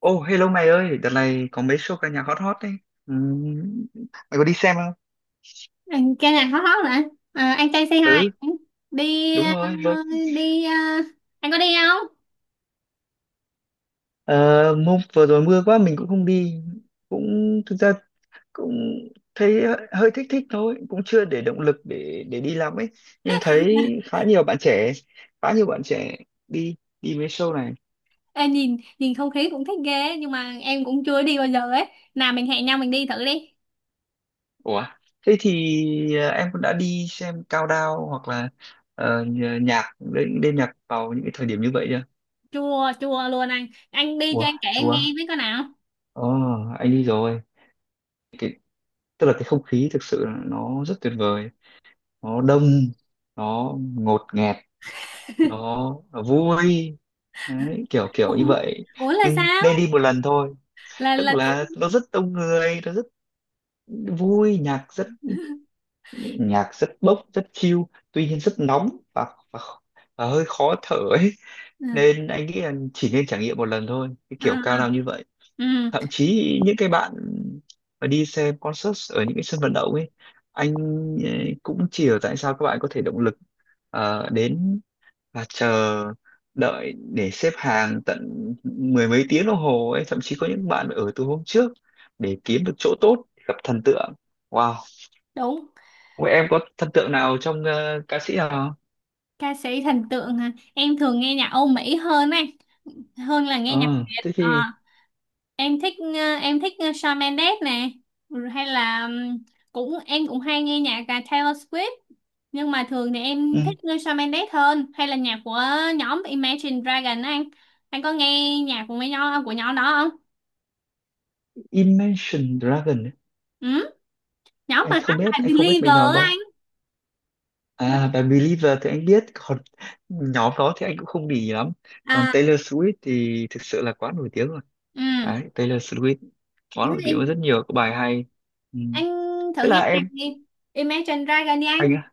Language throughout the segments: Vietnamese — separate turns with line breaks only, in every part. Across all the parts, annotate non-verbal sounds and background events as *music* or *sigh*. Ô, hello mày ơi, đợt này có mấy show ca nhạc hot hot đấy. Ừ, mày có đi xem không?
Ừ, cái này hot hot rồi, à, anh trai say
Ừ,
hi. đi
đúng
ờ,
rồi. Vâng.
đi ờ, anh có đi không?
Ờ, hôm vừa rồi mưa quá mình cũng không đi. Cũng thực ra cũng thấy hơi hơi thích thích thôi, cũng chưa để động lực để đi lắm ấy. Nhưng thấy khá nhiều bạn trẻ, khá nhiều bạn trẻ đi đi mấy show này.
Ê, nhìn nhìn không khí cũng thích ghê nhưng mà em cũng chưa đi bao giờ ấy. Nào mình hẹn nhau mình đi thử đi.
Ủa, thế thì em cũng đã đi xem Cao Đao hoặc là ờ, nhạc đêm đêm nhạc vào những cái thời điểm như vậy chưa?
Chua chua luôn, anh đi cho
Ủa,
anh kể em
chúa.
nghe với coi nào.
Ờ, anh đi rồi. Cái, tức là cái không khí thực sự là nó rất tuyệt vời. Nó đông, nó ngột ngẹt, nó, nó vui. Đấy, kiểu kiểu như
Ủa,
vậy.
ủa là
Nhưng
sao?
nên đi một lần thôi.
là
Tức
là thích.
là nó rất đông người, nó rất vui, nhạc rất bốc, rất chill. Tuy nhiên rất nóng và, và hơi khó thở ấy.
À,
Nên anh nghĩ là chỉ nên trải nghiệm một lần thôi. Cái
à,
kiểu cao nào như vậy.
ừ,
Thậm chí những cái bạn mà đi xem concert ở những cái sân vận động ấy anh cũng chỉ hiểu tại sao các bạn có thể động lực đến và chờ đợi để xếp hàng tận mười mấy tiếng đồng hồ ấy, thậm chí có những bạn ở từ hôm trước để kiếm được chỗ tốt gặp thần tượng. Wow,
đúng.
vậy em có thần tượng nào trong ca sĩ nào không?
Ca sĩ thần tượng hả? Em thường nghe nhạc Âu Mỹ hơn anh, hơn là nghe nhạc
Ờ,
Việt.
thế
Ờ,
thì
em thích em thích Shawn Mendes nè. Ừ, hay là cũng em cũng hay nghe nhạc cả Taylor Swift, nhưng mà thường thì em
ừ,
thích nghe Shawn Mendes hơn, hay là nhạc của nhóm Imagine Dragon á anh. Anh có nghe nhạc của mấy nhóm của nhóm đó không?
Imagine Dragon ấy.
Ừ? Nhóm mà
anh không
hát
biết
bài
anh không biết mấy
Believer
nhóm
á anh.
đó.
Mấy-
À, và Believer thì anh biết, còn nhóm đó thì anh cũng không để ý lắm. Còn
à,
Taylor Swift thì thực sự là quá nổi tiếng rồi. Đấy,
ừ.
Taylor Swift quá
Thế
nổi tiếng có
thì
rất nhiều các bài hay. Ừ.
anh
Thế
thử
là
nghe nhạc
em,
đi, Imagine Dragon đi anh.
anh á,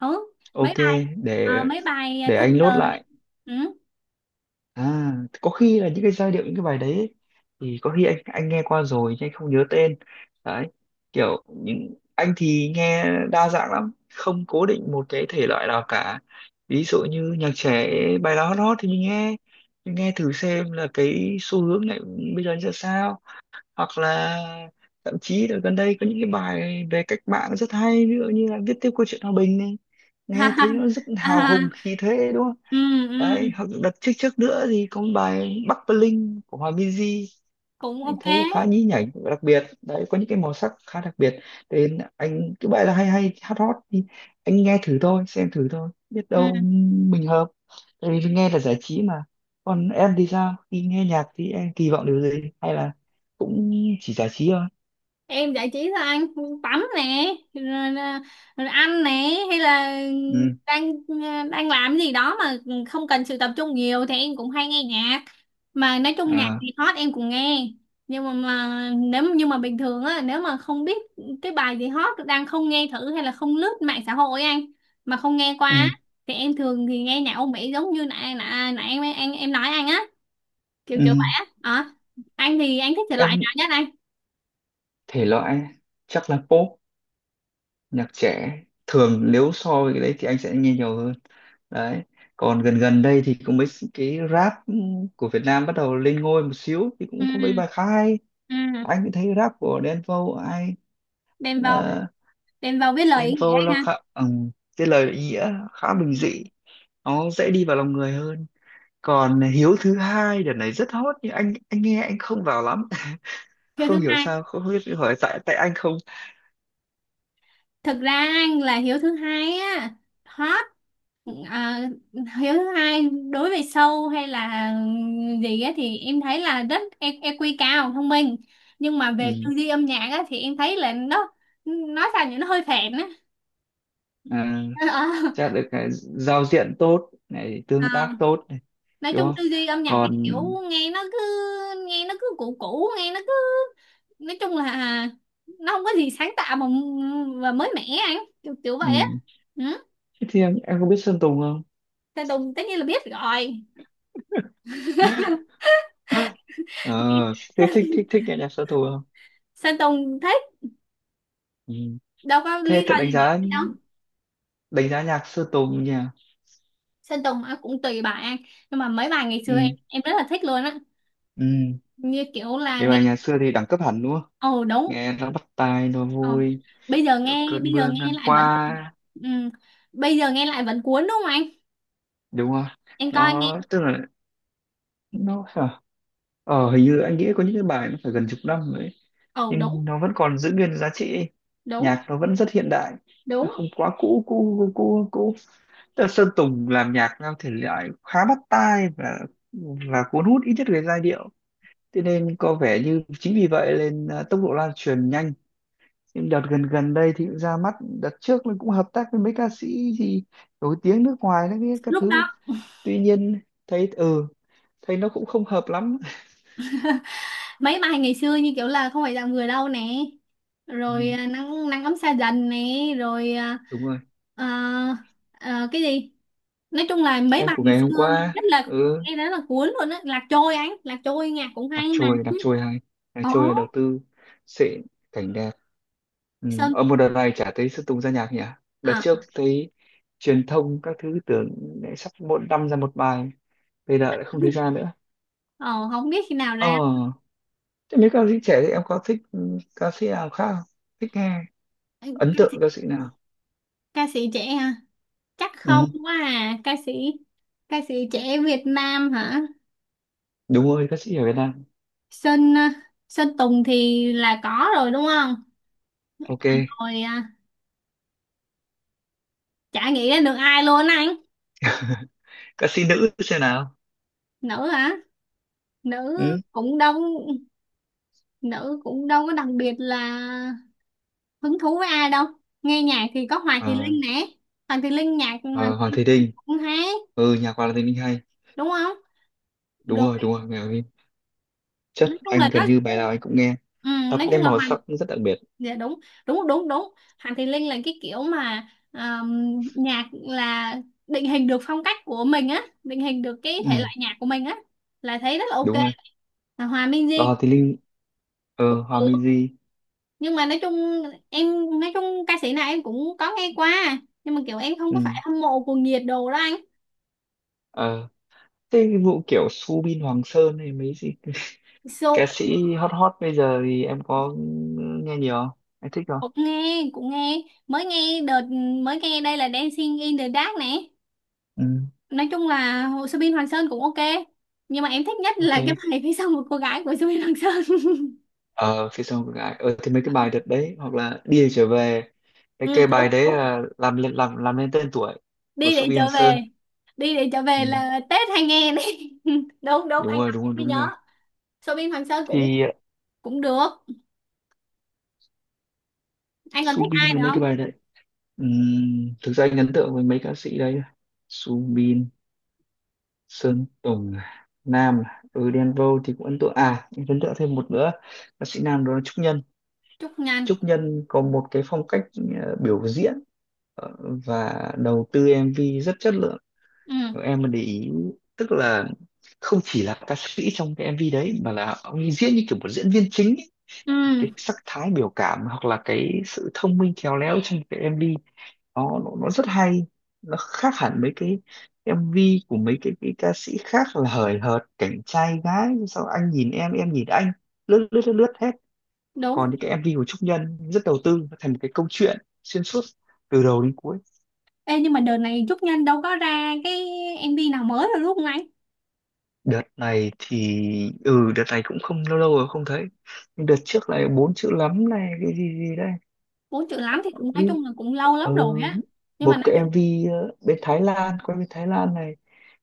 Ừ,
ok,
mấy bài,
để
mấy bài
để anh
Thunder
nốt
này.
lại.
Ừ.
À, có khi là những cái giai điệu những cái bài đấy ấy, thì có khi anh nghe qua rồi nhưng anh không nhớ tên. Đấy, kiểu những anh thì nghe đa dạng lắm, không cố định một cái thể loại nào cả. Ví dụ như nhạc trẻ bài nào hot hot thì mình nghe thử xem là cái xu hướng này bây giờ như ra sao, hoặc là thậm chí là gần đây có những cái bài về cách mạng rất hay, ví dụ như là viết tiếp câu chuyện hòa bình này, nghe thấy
*laughs*
nó rất hào
À,
hùng khí thế đúng không.
ừ, ừ,
Đấy hoặc đợt trước trước nữa thì có một bài Bắc Bling của Hòa Minzy,
cũng
anh
ok.
thấy khá nhí nhảnh đặc biệt, đấy có những cái màu sắc khá đặc biệt, nên anh cứ vậy là hay hay hát hot thì anh nghe thử thôi xem thử thôi biết
Ừ.
đâu mình hợp, tại vì nghe là giải trí mà. Còn em thì sao, khi nghe nhạc thì em kỳ vọng điều gì hay là cũng chỉ giải trí thôi.
Em giải trí là anh tắm nè, rồi, là- rồi ăn nè, hay là
Ừ,
đang đang làm gì đó mà không cần sự tập trung nhiều thì em cũng hay nghe nhạc. Mà nói chung nhạc
à,
thì hot em cũng nghe, nhưng mà nếu nhưng mà bình thường á, nếu mà không biết cái bài gì hot đang không nghe thử, hay là không lướt mạng xã hội anh mà không nghe qua
ừ,
á, thì em thường thì nghe nhạc Âu Mỹ, giống như nãy nãy nãy em nói anh á, kiểu
ừ,
kiểu vậy á. Ờ. Anh thì anh thích thể loại
em
nào nhất anh?
thể loại chắc là pop, nhạc trẻ thường nếu so với cái đấy thì anh sẽ nghe nhiều hơn. Đấy, còn gần gần đây thì cũng mấy cái rap của Việt Nam bắt đầu lên ngôi một xíu thì
Ừ.
cũng có mấy bài khá hay.
Ừ.
Anh cũng thấy rap của Đen Vâu ai,
Đem vào,
ờ,
đem vào viết lời
Đen
ý nghĩa
Vâu
anh
nó
ha.
khá cái lời nghĩa khá
Ừ.
bình dị, nó dễ đi vào lòng người hơn. Còn Hiếu thứ hai đợt này rất hot nhưng anh nghe anh không vào lắm *laughs*
Hiếu thứ
không hiểu
hai,
sao không biết hỏi tại tại anh không
thực ra anh là hiếu thứ hai á hot. À, hiếu thứ hai đối với sâu hay là gì á thì em thấy là rất e- EQ cao, thông minh, nhưng mà
ừ.
về tư duy âm nhạc á thì em thấy là nó nói sao nhỉ, nó hơi phèn á.
À, chắc
*laughs*
được cái giao diện tốt này
Ờ, ờ.
tương tác tốt này
Nói
đúng
chung tư
không.
duy âm nhạc cái
Còn
kiểu nghe nó cứ, nghe nó cứ cũ cũ nghe nó cứ, nói chung là nó không có gì sáng tạo mà và mới mẻ anh, kiểu, kiểu vậy á.
ừ.
Ừ.
Thế thì em có biết Sơn Tùng không?
Sơn Tùng tất nhiên là biết rồi.
*coughs* *laughs* Ờ, thế thích thích
*laughs*
thích nghe nhạc Sơn Tùng không?
Sơn Tùng thích,
Ừ.
đâu có
Thế
lý
tự
do
đánh
gì
giá,
để đâu.
đánh giá nhạc Sơn Tùng nhỉ?
Sơn Tùng à, cũng tùy bài anh, nhưng mà mấy bài ngày
Ừ,
xưa em rất là thích luôn á,
ừ.
như kiểu là
Nhưng
nghe.
mà nhà xưa thì đẳng cấp hẳn đúng không?
Ồ đúng.
Nghe nó bắt tai, nó
Ờ.
vui, cơn
Bây giờ
mưa
nghe
ngang
lại vẫn,
qua,
ừ. Bây giờ nghe lại vẫn cuốn đúng không anh?
đúng không?
Em coi nghe.
Nó tức là nó ờ, hình như anh nghĩ có những cái bài nó phải gần chục năm
Ồ đúng
nhưng nó vẫn còn giữ nguyên giá trị ấy.
đúng
Nhạc nó vẫn rất hiện đại, nó
đúng.
không quá cũ cũ cũ cũ cũ. Tức là Sơn Tùng làm nhạc theo thể loại khá bắt tai và cuốn hút ít nhất về giai điệu, thế nên có vẻ như chính vì vậy nên à, tốc độ lan truyền nhanh. Nhưng đợt gần gần đây thì cũng ra mắt, đợt trước mình cũng hợp tác với mấy ca sĩ gì nổi tiếng nước ngoài đấy biết các
Lúc
thứ,
đó
tuy nhiên thấy ừ thấy nó cũng không hợp lắm.
mấy bài ngày xưa như kiểu là không phải dạng người đâu nè, rồi
Ừ,
à, nắng nắng ấm xa dần nè, rồi à,
đúng rồi,
à, à, cái gì, nói chung là mấy
em
bài
của
ngày
ngày hôm
xưa nghe
qua
rất là,
ừ,
nghe rất là cuốn luôn á. Lạc trôi anh, lạc trôi nhạc cũng hay
đặc
nè.
trôi hay, đặc
Ồ
trôi là đầu tư xịn, cảnh đẹp. Ừ.
Sơn,
Ở một đợt này chả thấy Sơn Tùng ra nhạc nhỉ, đợt trước
à,
thấy truyền thông các thứ tưởng lại sắp mỗi năm ra một bài, bây giờ lại không thấy ra nữa.
ồ. *laughs* Không biết khi nào
Ờ,
ra.
thế mấy ca sĩ trẻ thì em có thích ừ, ca sĩ nào khác không? Thích nghe,
Ừ,
ấn tượng ca sĩ nào.
ca sĩ trẻ hả? Chắc không
Ừ.
quá à ca sĩ, ca sĩ trẻ Việt Nam hả?
Đúng rồi, ca sĩ ở Việt Nam.
Sinh à, Sinh Tùng thì là có rồi đúng không?
Ok.
À, rồi à, chả nghĩ đến được ai luôn á anh.
*laughs* Ca sĩ nữ xem nào.
Nữ hả? Nữ
Ừ.
cũng đâu, nữ cũng đâu có đặc biệt là hứng thú với ai đâu. Nghe nhạc thì có Hoàng Thùy
Ờ,
Linh nè. Hoàng Thùy Linh, nhạc Hoàng
ờ, Hoàng
Thùy
Thùy
Linh
Linh.
cũng hay
Ừ, nhạc Hoàng Thùy Linh hay,
đúng không?
đúng
Rồi,
rồi, đúng rồi, nghe Hoàng Thùy Linh
nói
chất,
chung là
anh
nó,
gần như bài nào anh cũng nghe,
ừ,
nó có
nói
cái
chung là,
màu sắc rất đặc biệt.
dạ đúng đúng. Hoàng Thùy Linh là cái kiểu mà nhạc là định hình được phong cách của mình á, định hình được cái thể
Ừ,
loại nhạc của mình á, là thấy rất là ok.
đúng rồi.
Và Hòa Minzy
Lò thì Linh,
cũng
ờ, Hòa
được,
Minzy.
nhưng mà nói chung em, nói chung ca sĩ này em cũng có nghe qua, nhưng mà kiểu em không có
Ừ.
phải hâm mộ cuồng nhiệt đồ đó anh.
Ờ, thế cái vụ kiểu Subin Hoàng Sơn hay mấy gì, ca
So,
sĩ hot hot bây giờ thì em có nghe nhiều không, em thích không.
cũng nghe cũng nghe, mới nghe đợt, mới nghe đây là Dancing in the Dark nè.
Ừ.
Nói chung là Hồ Sơ Bin Hoàng Sơn cũng ok, nhưng mà em thích nhất
Ok.
là cái bài phía sau một cô gái của Sơ Bin Hoàng Sơn. *laughs*
Ờ, phía sau của gái, ờ thì mấy cái bài đợt đấy hoặc là đi Để trở về, cái
Ừ,
cái bài
đúng
đấy
đúng,
là làm lên làm lên tên tuổi của
đi để
Subin Hoàng
trở
Sơn.
về, đi để trở về
Ừ,
là Tết hay nghe đi. *laughs* Đúng đúng,
đúng
anh
rồi,
đọc
đúng
em
rồi,
mới
đúng rồi
nhớ. Sơ Bin Hoàng Sơn cũng,
thì
cũng được. Anh còn thích ai
Subin có
nữa
mấy
không?
cái bài đấy. Thực ra anh ấn tượng với mấy ca sĩ đấy: Subin, Sơn Tùng, Nam, ừ Đen Vâu thì cũng ấn tượng. À em ấn tượng thêm một nữa ca sĩ nam đó là Trúc Nhân.
Trúc Nhân.
Trúc Nhân có một cái phong cách ờ, biểu diễn ờ, và đầu tư MV rất chất lượng.
Ừ.
Nếu em mà để ý tức là không chỉ là ca sĩ trong cái MV đấy mà là ông ấy diễn như kiểu một diễn viên chính,
Ừ.
cái sắc thái biểu cảm hoặc là cái sự thông minh khéo léo trong cái MV nó rất hay, nó khác hẳn mấy cái MV của mấy cái ca sĩ khác là hời hợt cảnh trai gái sao anh nhìn em nhìn anh lướt lướt lướt lướt hết.
Đúng.
Còn những cái MV của Trúc Nhân rất đầu tư, nó thành một cái câu chuyện xuyên suốt từ đầu đến cuối.
Ê, nhưng mà đợt này Trúc Nhân đâu có ra cái em MV nào mới rồi đúng không anh?
Đợt này thì ừ đợt này cũng không, lâu lâu rồi không thấy. Nhưng đợt trước này bốn chữ lắm này cái gì gì đây,
Bốn chữ lắm thì cũng
cái
nói chung là cũng lâu
ừ,
lắm rồi á. Nhưng
một
mà nói
cái
chung,
MV ờ, bên Thái Lan quay bên Thái Lan này,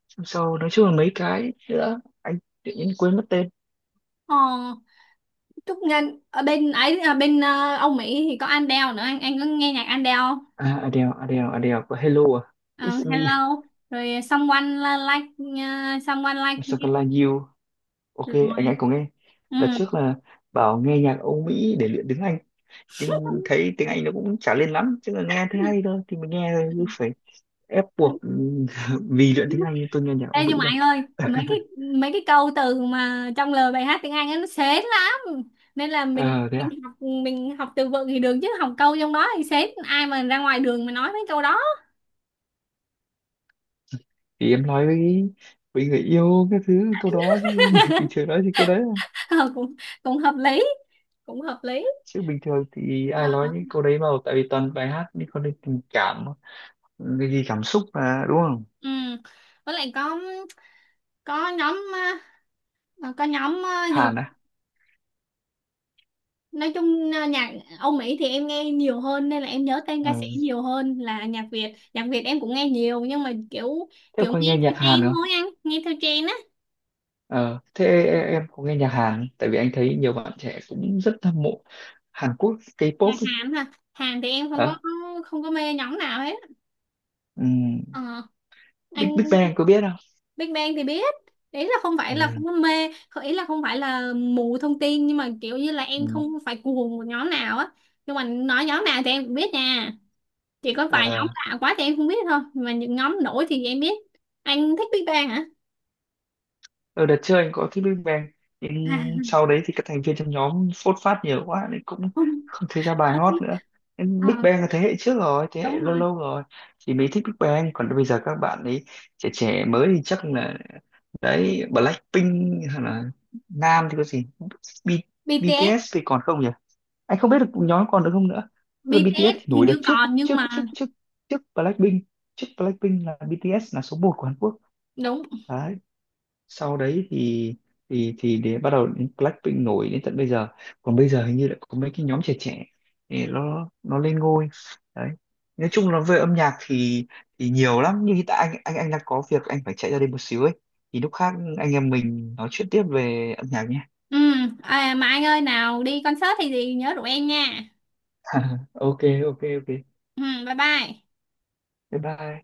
xong sau nói chung là mấy cái nữa anh tự nhiên quên mất tên.
ờ, Trúc Ngân ở bên ấy, ở bên ờ, Âu Mỹ thì có Adele nữa anh. Anh có nghe nhạc Adele không?
À Adele, Adele có Hello à,
Ờ,
It's me,
Hello, rồi Someone Like, ờ, Someone Like You,
Something like you, ok, anh
rồi,
có nghe.
ừ.
Đợt trước là bảo nghe nhạc Âu Mỹ để luyện tiếng Anh nhưng thấy tiếng Anh nó cũng chả lên lắm, chứ là nghe thấy hay thôi thì mình nghe thôi chứ phải ép buộc. *laughs* Vì luyện tiếng Anh nhưng tôi nghe nhạc Âu
Ê,
Mỹ
nhưng mà
đâu.
anh ơi mấy
*laughs*
cái, mấy cái câu từ mà trong lời bài hát tiếng Anh ấy, nó sến lắm, nên là mình
Ờ, thế
mình học, mình học từ vựng thì được, chứ học câu trong đó thì sến, ai mà ra ngoài đường mà nói mấy câu đó.
thì em nói với người yêu cái thứ câu đó chứ. *laughs* Bình thường
*laughs*
nói thì câu đấy à.
Ờ, cũng, cũng hợp lý, cũng hợp lý.
Chứ bình thường thì
Ờ,
ai nói những câu đấy đâu, tại vì toàn bài hát, nhưng còn đây tình cảm cái gì cảm xúc mà đúng không.
ừ. Với lại có nhóm ờ, ờ, có nhóm ờ, gì,
Hàn á.
nói chung ờ, nhạc Âu Mỹ thì em nghe nhiều hơn nên là em nhớ tên
Ờ.
ca sĩ nhiều hơn, là nhạc Việt, nhạc Việt em cũng nghe nhiều nhưng mà kiểu,
Thế
kiểu
có
nghe
nghe
theo
nhạc Hàn
trend
không.
thôi anh, nghe theo trend á.
Ờ. Thế em có nghe nhạc Hàn không? Tại vì anh thấy nhiều bạn trẻ cũng rất hâm mộ Hàn Quốc K-pop
Nhạc
ấy.
Hàn hả? Hàn thì em không có,
Ờ.
không có mê nhóm nào hết.
Ừ.
Ờ, anh,
Big Big Bang có biết không.
Big Bang thì biết, ý là không phải là
Ừ.
không có mê, không- ý là không phải là mù thông tin, nhưng mà kiểu như là em
Ừ.
không phải cuồng một nhóm nào á, nhưng mà nói nhóm nào thì em cũng biết nha, chỉ có vài nhóm
Ờ,
lạ quá thì em không biết thôi, mà những nhóm nổi thì em biết. Anh thích Big Bang hả?
ở đợt trước anh có thích Big Bang nhưng
À,
sau đấy thì các thành viên trong nhóm phốt phát nhiều quá nên cũng
*laughs* không.
không thấy ra bài hot nữa, nên Big
Ờ,
Bang là thế hệ trước rồi, thế hệ
đúng
lâu
rồi.
lâu rồi thì mới thích Big Bang. Còn bây giờ các bạn ấy trẻ trẻ mới thì chắc là đấy Blackpink hay là Nam thì có gì, B,
BTS.
BTS thì còn không nhỉ, anh không biết được nhóm còn được không nữa. Tức là BTS
BTS
thì
hình
nổi đợt
như
trước
còn nhưng
trước
mà
trước trước, trước Blackpink, trước Blackpink là BTS là số một của Hàn Quốc.
đúng,
Đấy sau đấy thì thì để bắt đầu đến Blackpink nổi đến tận bây giờ. Còn bây giờ hình như lại có mấy cái nhóm trẻ trẻ để nó lên ngôi. Đấy, nói chung là về âm nhạc thì nhiều lắm nhưng hiện tại anh đang có việc anh phải chạy ra đây một xíu ấy, thì lúc khác anh em mình nói chuyện tiếp về âm nhạc nhé.
ừ. À, mà anh ơi nào đi concert thì gì nhớ rủ em nha.
*laughs* Ok, ok,
Ừ, bye bye.
bye bye.